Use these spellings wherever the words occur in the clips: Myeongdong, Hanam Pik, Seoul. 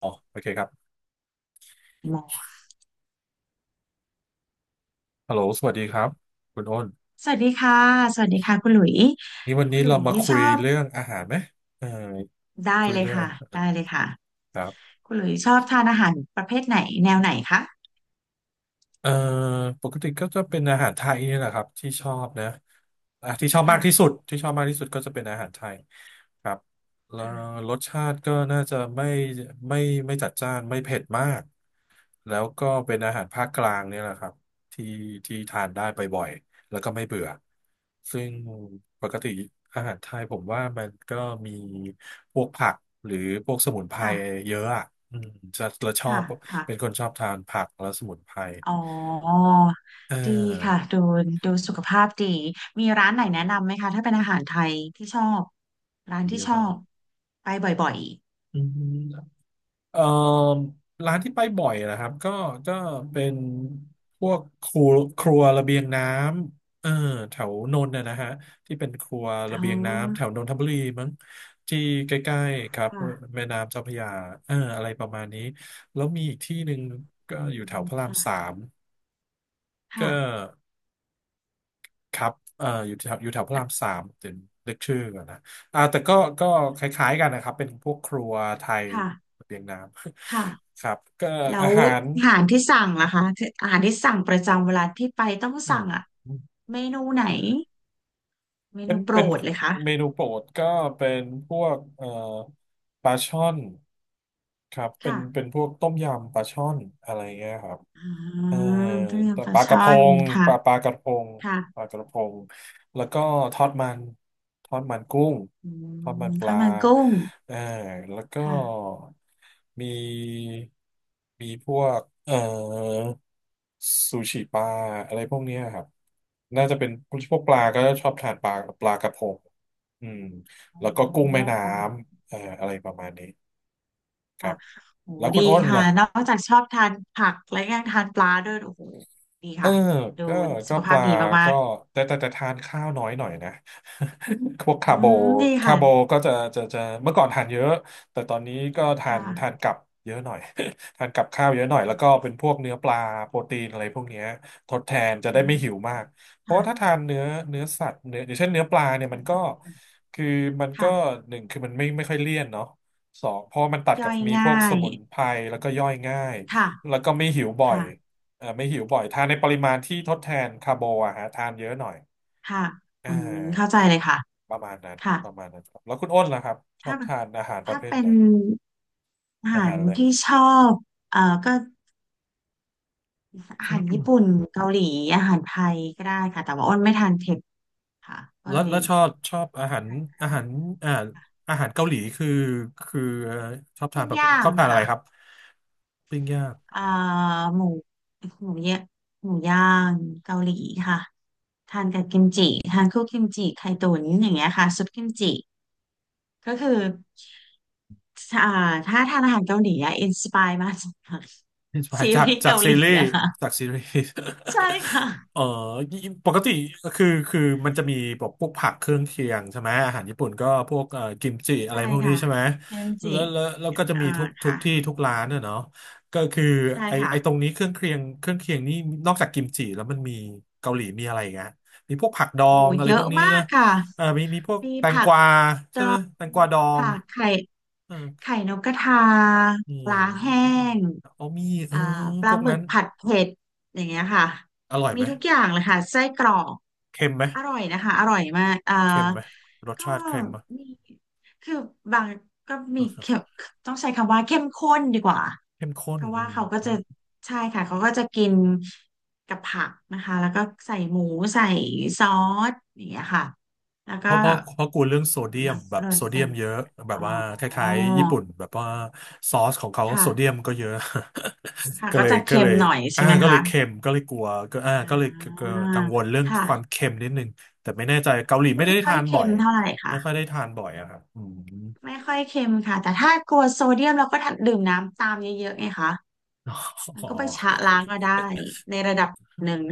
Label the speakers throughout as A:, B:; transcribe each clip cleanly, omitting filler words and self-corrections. A: อ๋อโอเคครับ
B: หมอ
A: ฮัลโหลสวัสดีครับคุณอ้น
B: สวัสดีค่ะสวัสดีค่ะคุณหลุย
A: นี่วัน
B: คุ
A: นี้
B: ณหลุ
A: เรา
B: ย
A: มาคุ
B: ช
A: ย
B: อบ
A: เรื่องอาหารไหมเออ
B: ได้
A: คุย
B: เลย
A: เรื่อ
B: ค่ะ
A: ง
B: ได้เลยค่ะ
A: ครับ
B: คุณหลุยชอบทานอาหารประเภทไหนแนวไหนคะ
A: เอ่อปกติก็จะเป็นอาหารไทยนี่แหละครับที่ชอบนะอ่ะที่ชอบมา
B: ค่ะ
A: กที่สุดที่ชอบมากที่สุดก็จะเป็นอาหารไทยครับแล้ว
B: ค่ะ
A: รสชาติก็น่าจะไม่ไม่จัดจ้านไม่เผ็ดมากแล้วก็เป็นอาหารภาคกลางเนี่ยแหละครับที่ที่ทานได้บ่อยๆแล้วก็ไม่เบื่อซึ่งปกติอาหารไทยผมว่ามันก็มีพวกผักหรือพวกสมุนไพร
B: ค่ะ
A: เยอะอ่ะอืมจะเราชอ
B: ค่ะ
A: บ
B: ค่ะ
A: เป็นคนชอบทานผักและสมุนไพร
B: อ๋อ
A: อ่
B: ดีค่ะ
A: า
B: ดูสุขภาพดีมีร้านไหนแนะนำไหมคะถ้าเป็นอาหารไทยที่ชอบร้าน
A: เย
B: ที่
A: อะ
B: ช
A: ค
B: อ
A: รั
B: บ
A: บ
B: ไปบ่อย
A: อืมเอ่อร้านที่ไปบ่อยนะครับก็เป็นพวกครัวครัวระเบียงน้ำเออแถวนนท์นะนะฮะที่เป็นครัว
B: ๆอ๋
A: ระ
B: อ
A: เบียงน้ำแถวนนทบุรีมั้งที่ใกล้ๆครับ
B: ค่ะ
A: แม่น้ำเจ้าพระยาเอออะไรประมาณนี้แล้วมีอีกที่หนึ่งก็อยู่
B: อื
A: แถว
B: ม
A: พระรามสา
B: ค่ะ
A: มก็
B: ค่ะ
A: ครับอยู่แถวพระรามสามเดี๋ยวนึกชื่อก่อนนะอ่าแต่ก็คล้ายๆกันนะครับ เป็นพวกครัวไทย
B: ค่ะ
A: ระเบียงน้ำ
B: ค่ะ
A: ครับก็
B: แล้
A: อา
B: ว
A: หาร
B: อาหารที่สั่งล่ะคะอาหารที่สั่งประจำเวลาที่ไปต้อง
A: อืม
B: สั่งอ่ะเมนูไหนเม
A: เป็
B: นู
A: น
B: โปร
A: เป็น
B: ดเลยคะ
A: เมนูโปรดก็เป็นพวกปลาช่อนครับเป็น
B: ค่ะ
A: เป็นพวกต้มยำปลาช่อนอะไรเงี้ยครับ
B: อ่า
A: เอ่อ
B: ต้มยำปลา
A: ปลาก
B: ช่
A: ระ
B: อ
A: พ
B: น
A: ง
B: ค่ะ
A: ปลากระพง
B: ค่ะ
A: ปลากระพงแล้วก็ทอดมันทอดมันกุ้ง
B: อื
A: ทอดมั
B: ม
A: นป
B: ทอด
A: ลา
B: มันกุ้ง
A: เอ่อแล้วก็
B: ค่ะ
A: มีมีพวกซูชิปลาอะไรพวกเนี้ยครับน่าจะเป็นพวกปลาก็ชอบทานปลาปลากระพงอืม
B: โอ
A: แล้วก็กุ้งแม่
B: ้
A: น้ำอะไรประมาณนี้ครั
B: ค่ะ
A: บ
B: โห
A: แล้วคุ
B: ดี
A: ณอ้น
B: ค่ะ
A: ล่ะ
B: นอกจากชอบทานผักและยังทานปลาด้วยโอ้โหดี
A: เออ
B: ค่ะดู
A: ก็
B: สุ
A: ก็
B: ข
A: ป
B: ภาพ
A: ลา
B: ดีมา
A: ก็
B: ก
A: แต่ทานข้าวน้อยหน่อยนะ พวก
B: ๆ
A: คา
B: อื
A: ร์โบ
B: มดี
A: คา
B: ค่ะ
A: ร์โบก็จะเมื่อก่อนทานเยอะ แต่ตอนนี้ก็ทาน
B: ค่ะ
A: กับเยอะหน่อย ทานกับข้าวเยอะหน่อย แล้วก็เป็นพวกเนื้อปลาโปรตีนอะไรพวกเนี้ยทดแทนจะ
B: อื
A: ได้ไม่
B: ม
A: หิวมากเพราะ
B: ค่ะ
A: ว่าถ้าทานเนื้อเนื้อสัตว์เนื้ออย่างเช่นเนื้อปลาเนี่ยมั
B: เข้า
A: นก็
B: ใจ
A: คือมันก็
B: ค่ะ
A: หนึ่งคือมันไม่ค่อยเลี่ยนเนาะสองเพราะมันตัดกั
B: ย่
A: บ
B: อย
A: มีพ
B: ง่า
A: วกส
B: ย
A: มุนไพรแล้วก็ย่อยง่าย
B: ค่ะ
A: แล้วก็ไม่หิวบ่อย
B: ค่ะ
A: เออไม่หิวบ่อยทานในปริมาณที่ทดแทนคาร์โบอะฮะทานเยอะหน่อย
B: ค่ะ
A: อ่
B: อืมเข้าใจ
A: า
B: เลยค่ะ
A: ประมาณนั้น
B: ค่ะ
A: ประมาณนั้นครับแล้วคุณอ้นล่ะครับชอ
B: ถ้า
A: บทานอาหารป
B: ถ้า
A: ระเภท
B: เป็
A: ไหน
B: นอา
A: อา
B: หา
A: หา
B: ร
A: รอะไร
B: ที่ชอบก็อาหารญี่ปุ่นเกาหลีอาหารไทยก็ได้ค่ะแต่ว่าอ้นไม่ทานเผ็ดค่ะก็
A: แล้
B: เล
A: ว
B: ย
A: แล้วชอบอาหารอ่าอาหารเกาหลีคือชอบทา
B: ปิ้
A: น
B: ง
A: แบบ
B: ย่า
A: ช
B: ง
A: อบทานอะไร
B: ค่ะ
A: ครับปิ้งย่าง
B: เอ่อหมูหมูเยะหมูย่างเกาหลีค่ะทานกับกิมจิทานคู่กิมจิไข่ตุ๋นอย่างเงี้ยค่ะซุปกิมจิ ก็คืออ่าถ้าทานอาหารเกาหลีอะอินสปายมาจากซี
A: จาก
B: รีส์
A: จาก
B: เกาห
A: ซี
B: ลี
A: รีส์
B: อะค่ะ
A: จากซีรีส์
B: ใช่ค่ะ
A: เอ่อปกติคือมันจะมีแบบพวกผักเครื่องเคียงใช่ไหมอาหารญี่ปุ่นก็พวกกิมจิอะ
B: ใช่
A: ไรพวกนี้
B: ค่ะ
A: ใช่ไหม
B: เทมจิ
A: แล้วก็จะมี
B: อ่า
A: ทุก
B: ค่ะ
A: ที่ทุกร้านอะเนาะก็คือ
B: ใช่
A: ไอ
B: ค่ะ
A: ไอตรงนี้เครื่องเคียงเครื่องเคียงนี่นอกจากกิมจิแล้วมันมีเกาหลีมีอะไรอีกอะมีพวกผักดอ
B: โอ้โห
A: งอะไร
B: เย
A: พว
B: อะ
A: กนี้
B: มาก
A: นะ
B: ค่ะ
A: เอ่ามีพวก
B: มี
A: แตง
B: ผั
A: ก
B: ก
A: วา
B: ด
A: ใช่
B: อ
A: ไหม
B: ง
A: แตงกวาดอง
B: ค่ะไข่
A: เออ
B: ไข่นกกระทา
A: อื
B: ปลาแห้
A: ม
B: ง
A: เอามีเอ
B: อ่า
A: อ
B: ป
A: พ
B: ลา
A: วก
B: หมึ
A: นั้
B: ก
A: น
B: ผัดเผ็ดอย่างเงี้ยค่ะ
A: อร่อย
B: มี
A: ไหม
B: ทุกอย่างเลยค่ะไส้กรอก
A: เค็มไหม
B: อร่อยนะคะอร่อยมากอ่า
A: เค็มไหม รส
B: ก็
A: ชาติเค็มไหม
B: มีคือบางก็มีเข้มต้องใช้คำว่าเข้มข้นดีกว่า
A: เข้มข้
B: เพ
A: น
B: ราะ
A: อื
B: ว่าเขาก็จะ
A: ม
B: ใช่ค่ะเขาก็จะกินกับผักนะคะแล้วก็ใส่หมูใส่ซอสอย่างเงี้ยค่ะแล้ว
A: เพ
B: ก็
A: ราะเพราะเพราะกูเรื่องโซเดีย
B: รั
A: ม
B: บ
A: แบบ
B: เลย
A: โซเดี
B: เป็
A: ย
B: น
A: มเยอะแบบ
B: อ๋อ
A: ว่าคล้ายๆญี่ปุ่นแบบว่าซอสของเขา
B: ค่ะ
A: โซเดียมก็เยอะ
B: ค่ะ
A: ก็
B: ก็
A: เลย
B: จะ
A: ก็
B: เค็
A: เล
B: ม
A: ย
B: หน่อย
A: อ่า
B: ใช่ไหม
A: ก็เล
B: คะ
A: ยเค็มก็เลยกลัวก็อ่า
B: อ่
A: ก็เลยก็
B: า
A: กังวลเรื่อง
B: ค่ะ
A: ความเค็มนิดนึงแต่ไม่แน่ใจเกาหลี
B: ก็
A: ไม่ได้
B: ไม่ค่อ
A: ทา
B: ย
A: นบ่
B: เค็
A: อ
B: ม
A: ย
B: เท่าไหร่
A: ไม่
B: ค่ะ
A: ค่อยได้ทานบ่อยอะครับอืม
B: ไม่ค่อยเค็มค่ะ แต่ถ้ากลัวโซเดียมเราก็ดื่มน้ำตามเยอะๆไงคะ
A: อ
B: มัน
A: ๋
B: ก็ไปชะล้าง
A: อ
B: ก็ได้ในระดับหนึ่ง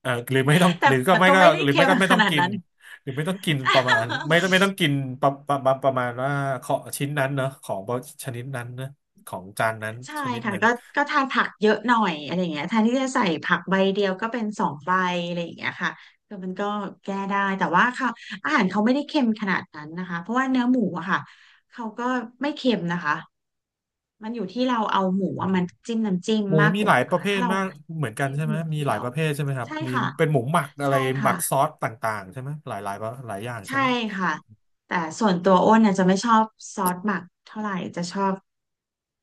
A: เออหรือไม่ต้อง
B: แต่
A: หรือก็
B: มัน
A: ไม่
B: ก็
A: ก็
B: ไม่ได้
A: หรือ
B: เค็
A: ไม่
B: ม
A: ก็ไม่
B: ข
A: ต้อง
B: นาด
A: กิน
B: นั้น
A: หรือไม่ต้องกินประมาณไม่ ไม่ต้องกินประมาณว่าของชิ้นนั้นเนอะของชนิดนั้นนะของจานนั้น
B: ใช่
A: ชนิด
B: ค่ะ
A: นั้น
B: ก็ทานผักเยอะหน่อยอะไรอย่างเงี้ยแทนที่จะใส่ผักใบเดียวก็เป็นสองใบอะไรอย่างเงี้ยค่ะคือมันก็แก้ได้แต่ว่าเขาอาหารเขาไม่ได้เค็มขนาดนั้นนะคะเพราะว่าเนื้อหมูอะค่ะเขาก็ไม่เค็มนะคะมันอยู่ที่เราเอาหมู
A: อื
B: อะ
A: ม
B: มันจิ้มน้ำจิ้ม
A: หมู
B: มาก
A: มี
B: ก
A: ห
B: ว่า
A: ลายประ
B: ค่ะ
A: เภท
B: ถ้าเรา
A: มากเหมือนกัน
B: จิ้ม
A: ใช่ไหม
B: นิด
A: มี
B: เดี
A: หลา
B: ย
A: ย
B: ว
A: ประเภทใช่ไหมครับ
B: ใช่
A: มี
B: ค่ะ
A: เป็นหมูหมักอะไร
B: ใช่
A: หมั
B: ค่ะ
A: กซอสต่างๆใช่ไหมหลายหลายหลายอย่างใช่
B: ใช่
A: ไหม
B: ค่ะแต่ส่วนตัวอ้นน่ะจะไม่ชอบซอสหมักเท่าไหร่จะชอบ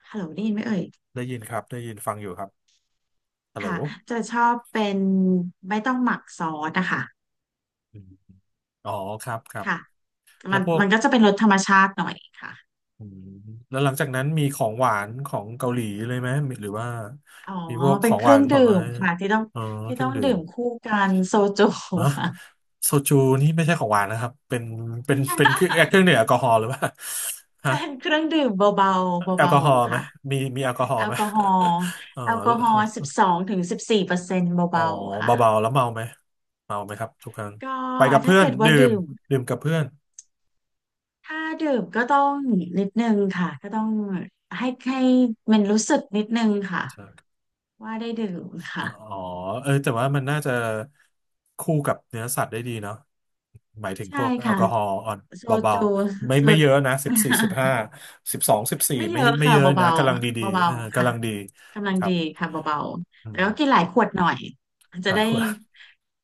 B: ฮัลโหลได้ยินไหมเอ่ย
A: ได้ยินครับได้ยินฟังอยู่ครับฮัลโหล
B: ค่ะจะชอบเป็นไม่ต้องหมักซอสนะคะ
A: อมอ๋อครับครับ
B: ค่ะ
A: แล้
B: มั
A: ว
B: น
A: พวก
B: มันก็จะเป็นรสธรรมชาติหน่อยค่ะ
A: อืมแล้วหลังจากนั้นมีของหวานของเกาหลีเลยไหมหรือว่า
B: อ๋อ
A: มีพวกข
B: เป็
A: อ
B: น
A: ง
B: เค
A: ห
B: รื่
A: วา
B: อ
A: น
B: ง
A: ผ
B: ดื่
A: ลไม้
B: มค่ะที่ต้อง
A: เออ
B: ที่
A: เครื่
B: ต้
A: อ
B: อ
A: ง
B: ง
A: ดื่
B: ดื่
A: ม
B: มคู่กันโซจู
A: ฮะ
B: ค่ะ
A: โซจูนี่ไม่ใช่ของหวานนะครับเป็นเครื่อง เครื่องดื่มแอลกอฮอล์หรือเปล่าฮะ
B: เป็นเครื่องดื่มเบาๆ
A: แอลก
B: เบา
A: อฮอล์
B: ๆ
A: ไหม
B: ค่ะ
A: มีแอลกอฮอ
B: แอ
A: ล์ไห
B: ล
A: ม
B: กอฮอล์
A: เออ
B: แอลกอฮอล์12-14%
A: อ๋อ
B: เบาๆค่ะ
A: เบาๆแล้วเมาไหมเมาไหมครับทุกครั้ง
B: ก็
A: ไปกับ
B: ถ้า
A: เพื่อน
B: เกิดว่า
A: ดื่ม
B: ดื่ม
A: ดื่มกับเพื่อน
B: ถ้าดื่มก็ต้องนิดนึงค่ะก็ต้องให้มันรู้สึกนิดนึงค่ะว่าได้ดื่ม
A: อ๋
B: ค่ะ
A: อเออแต่ว่ามันน่าจะคู่กับเนื้อสัตว์ได้ดีเนาะหมายถึงพ
B: ใช่
A: วกแอล
B: ค่ะ
A: กอฮอล์อ่อน
B: โซ
A: เบา
B: จู
A: ๆไม่
B: สุ
A: ไม่
B: ด
A: เยอะนะ14 15สิบสองสิบ สี่
B: ไม่เย
A: ไม่
B: อะ
A: ไม่
B: ค่ะ
A: เยอะนะ
B: เบา
A: กำลัง
B: ๆ
A: ดี
B: บ
A: ๆ
B: เบา
A: เออ
B: ๆ
A: กำ
B: ค่ะ
A: ลังดี
B: กำลั
A: ค
B: ง
A: รั
B: ดี
A: บ
B: ค่ะเบา
A: อื
B: ๆแต่ก็
A: ม
B: กินหลายขวดหน่อย
A: ห
B: จะ
A: ลาย
B: ได้
A: คน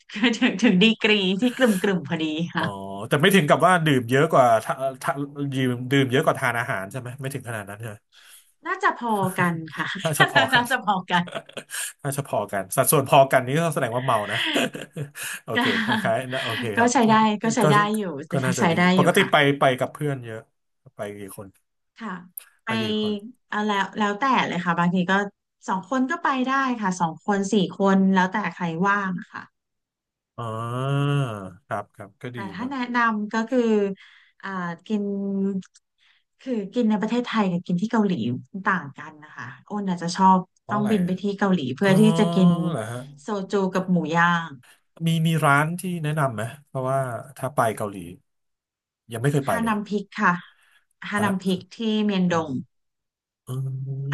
B: ถึงดีกรีที่กลุ่มๆพอดี
A: อ๋อ
B: ค่ะ
A: แต่ไม่ถึงกับว่าดื่มเยอะกว่าถ้าดื่มเยอะกว่าทานอาหารใช่ไหมไม่ถึงขนาดนั้นใช่ไหม
B: น่าจะพอกันค่ะ
A: ถ้าเฉพาะ กัน
B: น่าจะพอกัน
A: ถ้าเฉพาะกันสัดส่วนพอกันนี่ก็แสดงว่าเมานะ โอ
B: ก็
A: เคคล้ายๆนะโอเคค
B: ก็
A: รับ
B: ใช้ได้ก็ใช้
A: ก็
B: ได้อยู่
A: ก็น่าจะ
B: ใช้
A: ดี
B: ได้
A: ป
B: อ
A: ก
B: ยู่
A: ติ
B: ค่ะ
A: ไปกับเพื่อนเยอะไปกี่คน
B: ค่ะ
A: ไป
B: ไป
A: กี่คน
B: เอาแล้วแต่เลยค่ะบางทีก็สองคนก็ไปได้ค่ะสองคนสี่คนแล้วแต่ใครว่างค่ะ
A: อ๋อครับครับก็
B: แต่
A: ดี
B: ถ้า
A: นะ
B: แนะนำก็คืออ่ากินคือกินในประเทศไทยกับกินที่เกาหลีต่างกันนะคะอ้นอาจจะชอบ
A: เพ
B: ต้
A: ราะ
B: อง
A: อะไร
B: บินไป
A: อะ
B: ที่เกาหลี
A: อ๋
B: เพื่
A: อ
B: อที่จะกิน
A: เหรอฮะ
B: โซจูกับหมูย่าง
A: มีร้านที่แนะนำไหมเพราะว่าถ้าไปเกาหลียังไม่เคยไป
B: ฮา
A: เลย
B: นัมพิกค่ะฮา
A: เอา
B: นั
A: ละ
B: มพิกที่เมียน
A: อื
B: ด
A: ม
B: ง
A: อ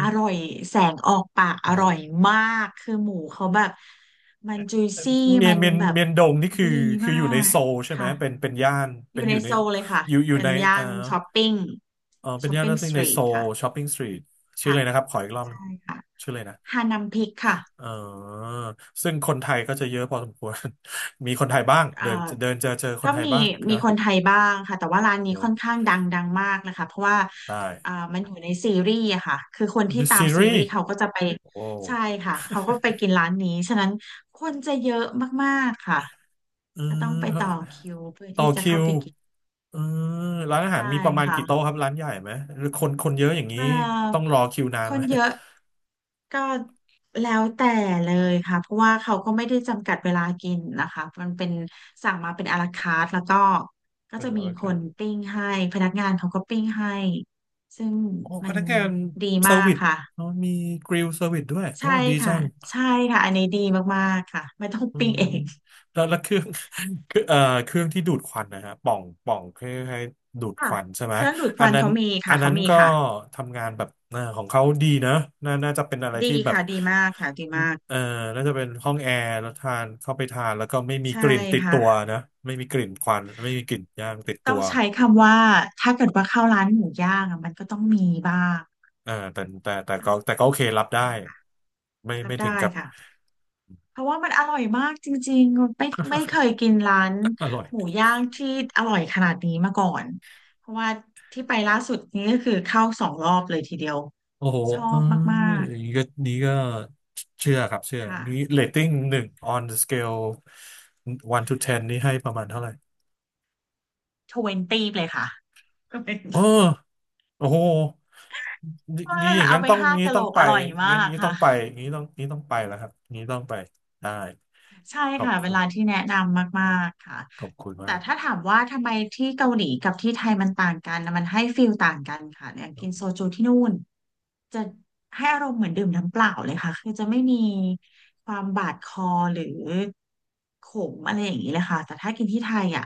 B: อร่อยแสงออกปากอร่อย
A: ม
B: มากคือหมูเขาแบบมันจุยซี่มันแบบ
A: เมียนดงนี่คือ
B: ดี
A: คือ
B: มา
A: อยู่ใน
B: ก
A: โซลใช่ไหม
B: ค่ะ
A: เป็นย่าน
B: อ
A: เป็น
B: ยู่
A: อ
B: ใน
A: ยู่ใน
B: โซลเลยค่ะ
A: อยู่
B: เป็
A: ใน
B: นย่านช้อปปิ้ง
A: เออเป็น
B: ช้อป
A: ย่าน
B: ปิ้ง
A: ที่
B: สต
A: ใน
B: รี
A: โซ
B: ท
A: ล
B: ค่ะ
A: ช้อปปิ้งสตรีทชื่อ
B: ค่ะ
A: เลยนะครับขออีกรอบหนึ่ง
B: ใช่ค่ะ
A: ชื่อเลยนะ
B: ฮานัมพิกค่ะ
A: เออซึ่งคนไทยก็จะเยอะพอสมควร มีคนไทยบ้าง
B: เอ่อ
A: เดินเดินเจอค
B: ก็
A: นไทย
B: มี
A: บ้าง
B: มี
A: นะ
B: คนไทยบ้างค่ะแต่ว่าร้าน
A: เอ
B: นี้
A: อ
B: ค่อนข้างดังดังมากนะคะเพราะว่า
A: ได้
B: มันอยู่ในซีรีส์อะค่ะคือคนที่ตาม
A: ซี
B: ซี
A: รี
B: รี
A: ส์
B: ส์เขาก็จะไป
A: โอ้
B: ใช่ค่ะเขาก็ไปกินร้านนี้ฉะนั้นคนจะเยอะมากๆค่ะ
A: อื
B: ก็ต้องไปต่อคิ
A: ม
B: วเพื่อ
A: ต่อ
B: ที่จะ
A: คิ
B: เข้า
A: ว
B: ไปกิน
A: เอืมร้านอาหา
B: ใช่
A: รมีประมาณกี่โต๊ะ
B: ค่ะ
A: ครับร้านใหญ่ไหมหรือคนเยอะอย่างนี้
B: เอ่
A: ต้อง
B: อ
A: รอคิวนาน
B: ค
A: ไหม
B: นเยอะก็แล้วแต่เลยค่ะเพราะว่าเขาก็ไม่ได้จำกัดเวลากินนะคะมันเป็นสั่งมาเป็นอาราคาร์ทแล้วก็ก็จะมีคนปิ้งให้พนักงานเขาก็ปิ้งให้ซึ่ง
A: โอ้พ
B: มัน
A: นักงาน
B: ดี
A: เซอ
B: มา
A: ร์
B: ก
A: วิส
B: ค่ะ
A: เนอะมีกริลเซอร์วิสด้วยโอ้
B: ใช่
A: ดีจั
B: ค่ะ
A: ง
B: ใช่ค่ะอันนี้ดีมากๆค่ะไม่ต้อง
A: อื
B: ปิ้ง
A: ม
B: เอง
A: แล้วเครื่อง คือเครื่องที่ดูดควันนะฮะปล่องใค้่ให้ดูดค
B: ค่ะ
A: วันใช่ไหม
B: เครื่องดูดค
A: อัน
B: วัน
A: นั้น
B: เขามี
A: อั
B: ค่ะ
A: นนั้
B: เขา
A: น
B: มี
A: ก็
B: ค่ะ
A: ทำงานแบบของเขาดีนะน่าจะเป็นอะไร
B: ดี
A: ที่แบบ
B: ค่ะดีมากค่ะดีมาก
A: เอ่อน่าจะเป็นห้องแอร์แล้วทานเข้าไปทานแล้วก็ไม่มี
B: ใช่
A: กลิ่นติด
B: ค่ะ
A: ตัวนะไม่มีกลิ่นควันไม่มีกลิ่นย่างติดตั
B: ต้อง
A: ว
B: ใช้คำว่าถ้าเกิดว่าเข้าร้านหมูย่างอะมันก็ต้องมีบ้างอ่ะ
A: แต่ก็โอเครับได้ไม่
B: รั
A: ไม่
B: บ
A: ถึง
B: ได้
A: กับ
B: ค่ะเพราะว่ามันอร่อยมากจริงๆไม่เคยกินร้าน
A: อร่อย
B: หมูย่างที่อร่อยขนาดนี้มาก่อนเพราะว่าที่ไปล่าสุดนี้ก็คือเข้าสองรอบเลยทีเดียว
A: โอ้โห
B: ชอ
A: เออ
B: บมาก
A: อย่างนี้ก็นี้ก็เชื่อครับเชื่อ
B: ๆค่ะ
A: นี้เรตติ้ง1 on the scale 1 to 10 นี่ให้ประมาณเท่าไหร่
B: 20เลยค่ะ
A: เออโอ้โหนี่อย่า ง
B: เอา
A: นั้น
B: ไป
A: ต้อง
B: ห้า
A: นี้
B: กะโห
A: ต้
B: ล
A: อง
B: ก
A: ไป
B: อร่อยมา
A: งั้น
B: ก
A: นี้ต้อ
B: ค่ะ
A: งไป นี้ต้องไปแล้วครับ นี้ต้องไป ได้
B: ใช่
A: ขอบ
B: ค่ะเว
A: คุณ
B: ลาที่แนะนำมากๆค่ะ
A: ขอบคุณ
B: แต่
A: มาก
B: ถ้าถามว่าทำไมที่เกาหลีกับที่ไทยมันต่างกันนะมันให้ฟีลต่างกันค่ะอย่างกินโซจูที่นู่นจะให้อารมณ์เหมือนดื่มน้ำเปล่าเลยค่ะคือจะไม่มีความบาดคอหรือขมอะไรอย่างนี้เลยค่ะแต่ถ้ากินที่ไทยอ่ะ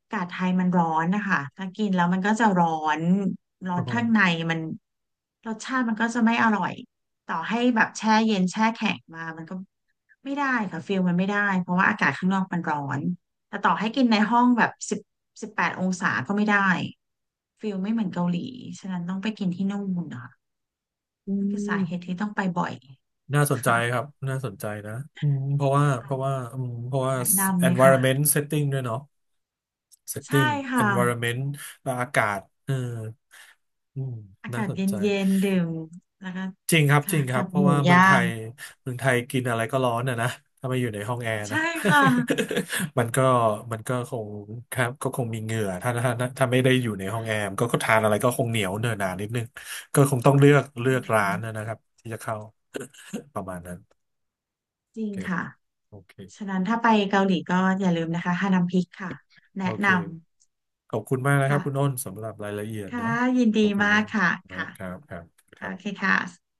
B: อากาศไทยมันร้อนนะคะถ้ากินแล้วมันก็จะร้อนร้อ
A: โอ้
B: น
A: โห
B: ข้างในมันรสชาติมันก็จะไม่อร่อย ต่อให้แบบแช่เย็นแช่แข็งมามันก็ไม่ได้ค่ะฟิลมันไม่ได้เพราะว่าอากาศข้างนอกมันร้อน แต่ต่อให้กินในห้องแบบ18 องศาก็ไม่ได้ฟิลไม่เหมือนเกาหลี ฉะนั้นต้องไปกินที่นู่นค่ะ
A: อื
B: นั่นคือสาเหตุ
A: ม
B: ที่ต้องไปบ่อย
A: น่าสนใจ
B: ค่ะ
A: ครับ น่าสนใจนะอืม
B: ค่ะ
A: เพราะว่า
B: แนะนำเลยค่ะ
A: environment setting ด้วยเนาะ
B: ใช่
A: setting
B: ค่ะ
A: environment และอากาศเอออืม
B: อา
A: น่า
B: กาศ
A: ส
B: เ
A: นใจ
B: ย็นๆดื่มแล้วก็
A: จริงครับจ
B: ค่ะ
A: ริงครั
B: กั
A: บ
B: บ
A: เพ
B: ห
A: ราะ
B: มู
A: ว่า
B: ย่าง
A: เมืองไทยกินอะไรก็ร้อนอ่ะนะถ้าไม่อยู่ในห้องแอร์นะ
B: ใช่ค่ะ
A: มันก็มันก็คงครับก็คงมีเหงื่อถ้าไม่ได้อยู่ในห้องแอร์มันก็ทานอะไรก็คงเหนียวเนอะหนานิดนึงก็คงต้องเลือก
B: จ
A: เลื
B: ริ
A: อ
B: ง
A: กร้าน
B: ค่ะ
A: นะครับที่จะเข้า ประมาณนั้น
B: จ
A: โอ
B: ริง
A: เค
B: ค่ะ
A: โอเค
B: ฉะนั้นถ้าไปเกาหลีก็อย่าลืมนะคะฮานัมพิกค่ะแนะ
A: โอ
B: นำ
A: เค ขอบคุณมากนะครับ
B: ค่ะ
A: คุณอ้นสำหรับรายละเอียด
B: ค่ะ
A: เนาะ
B: ยิน
A: ขอ
B: ดี
A: บคุณ
B: มา
A: มา
B: ก
A: ก
B: ค่ะ
A: ครับ
B: ค่ะ
A: ครับครับครั
B: โอเค
A: บ
B: ค่ะ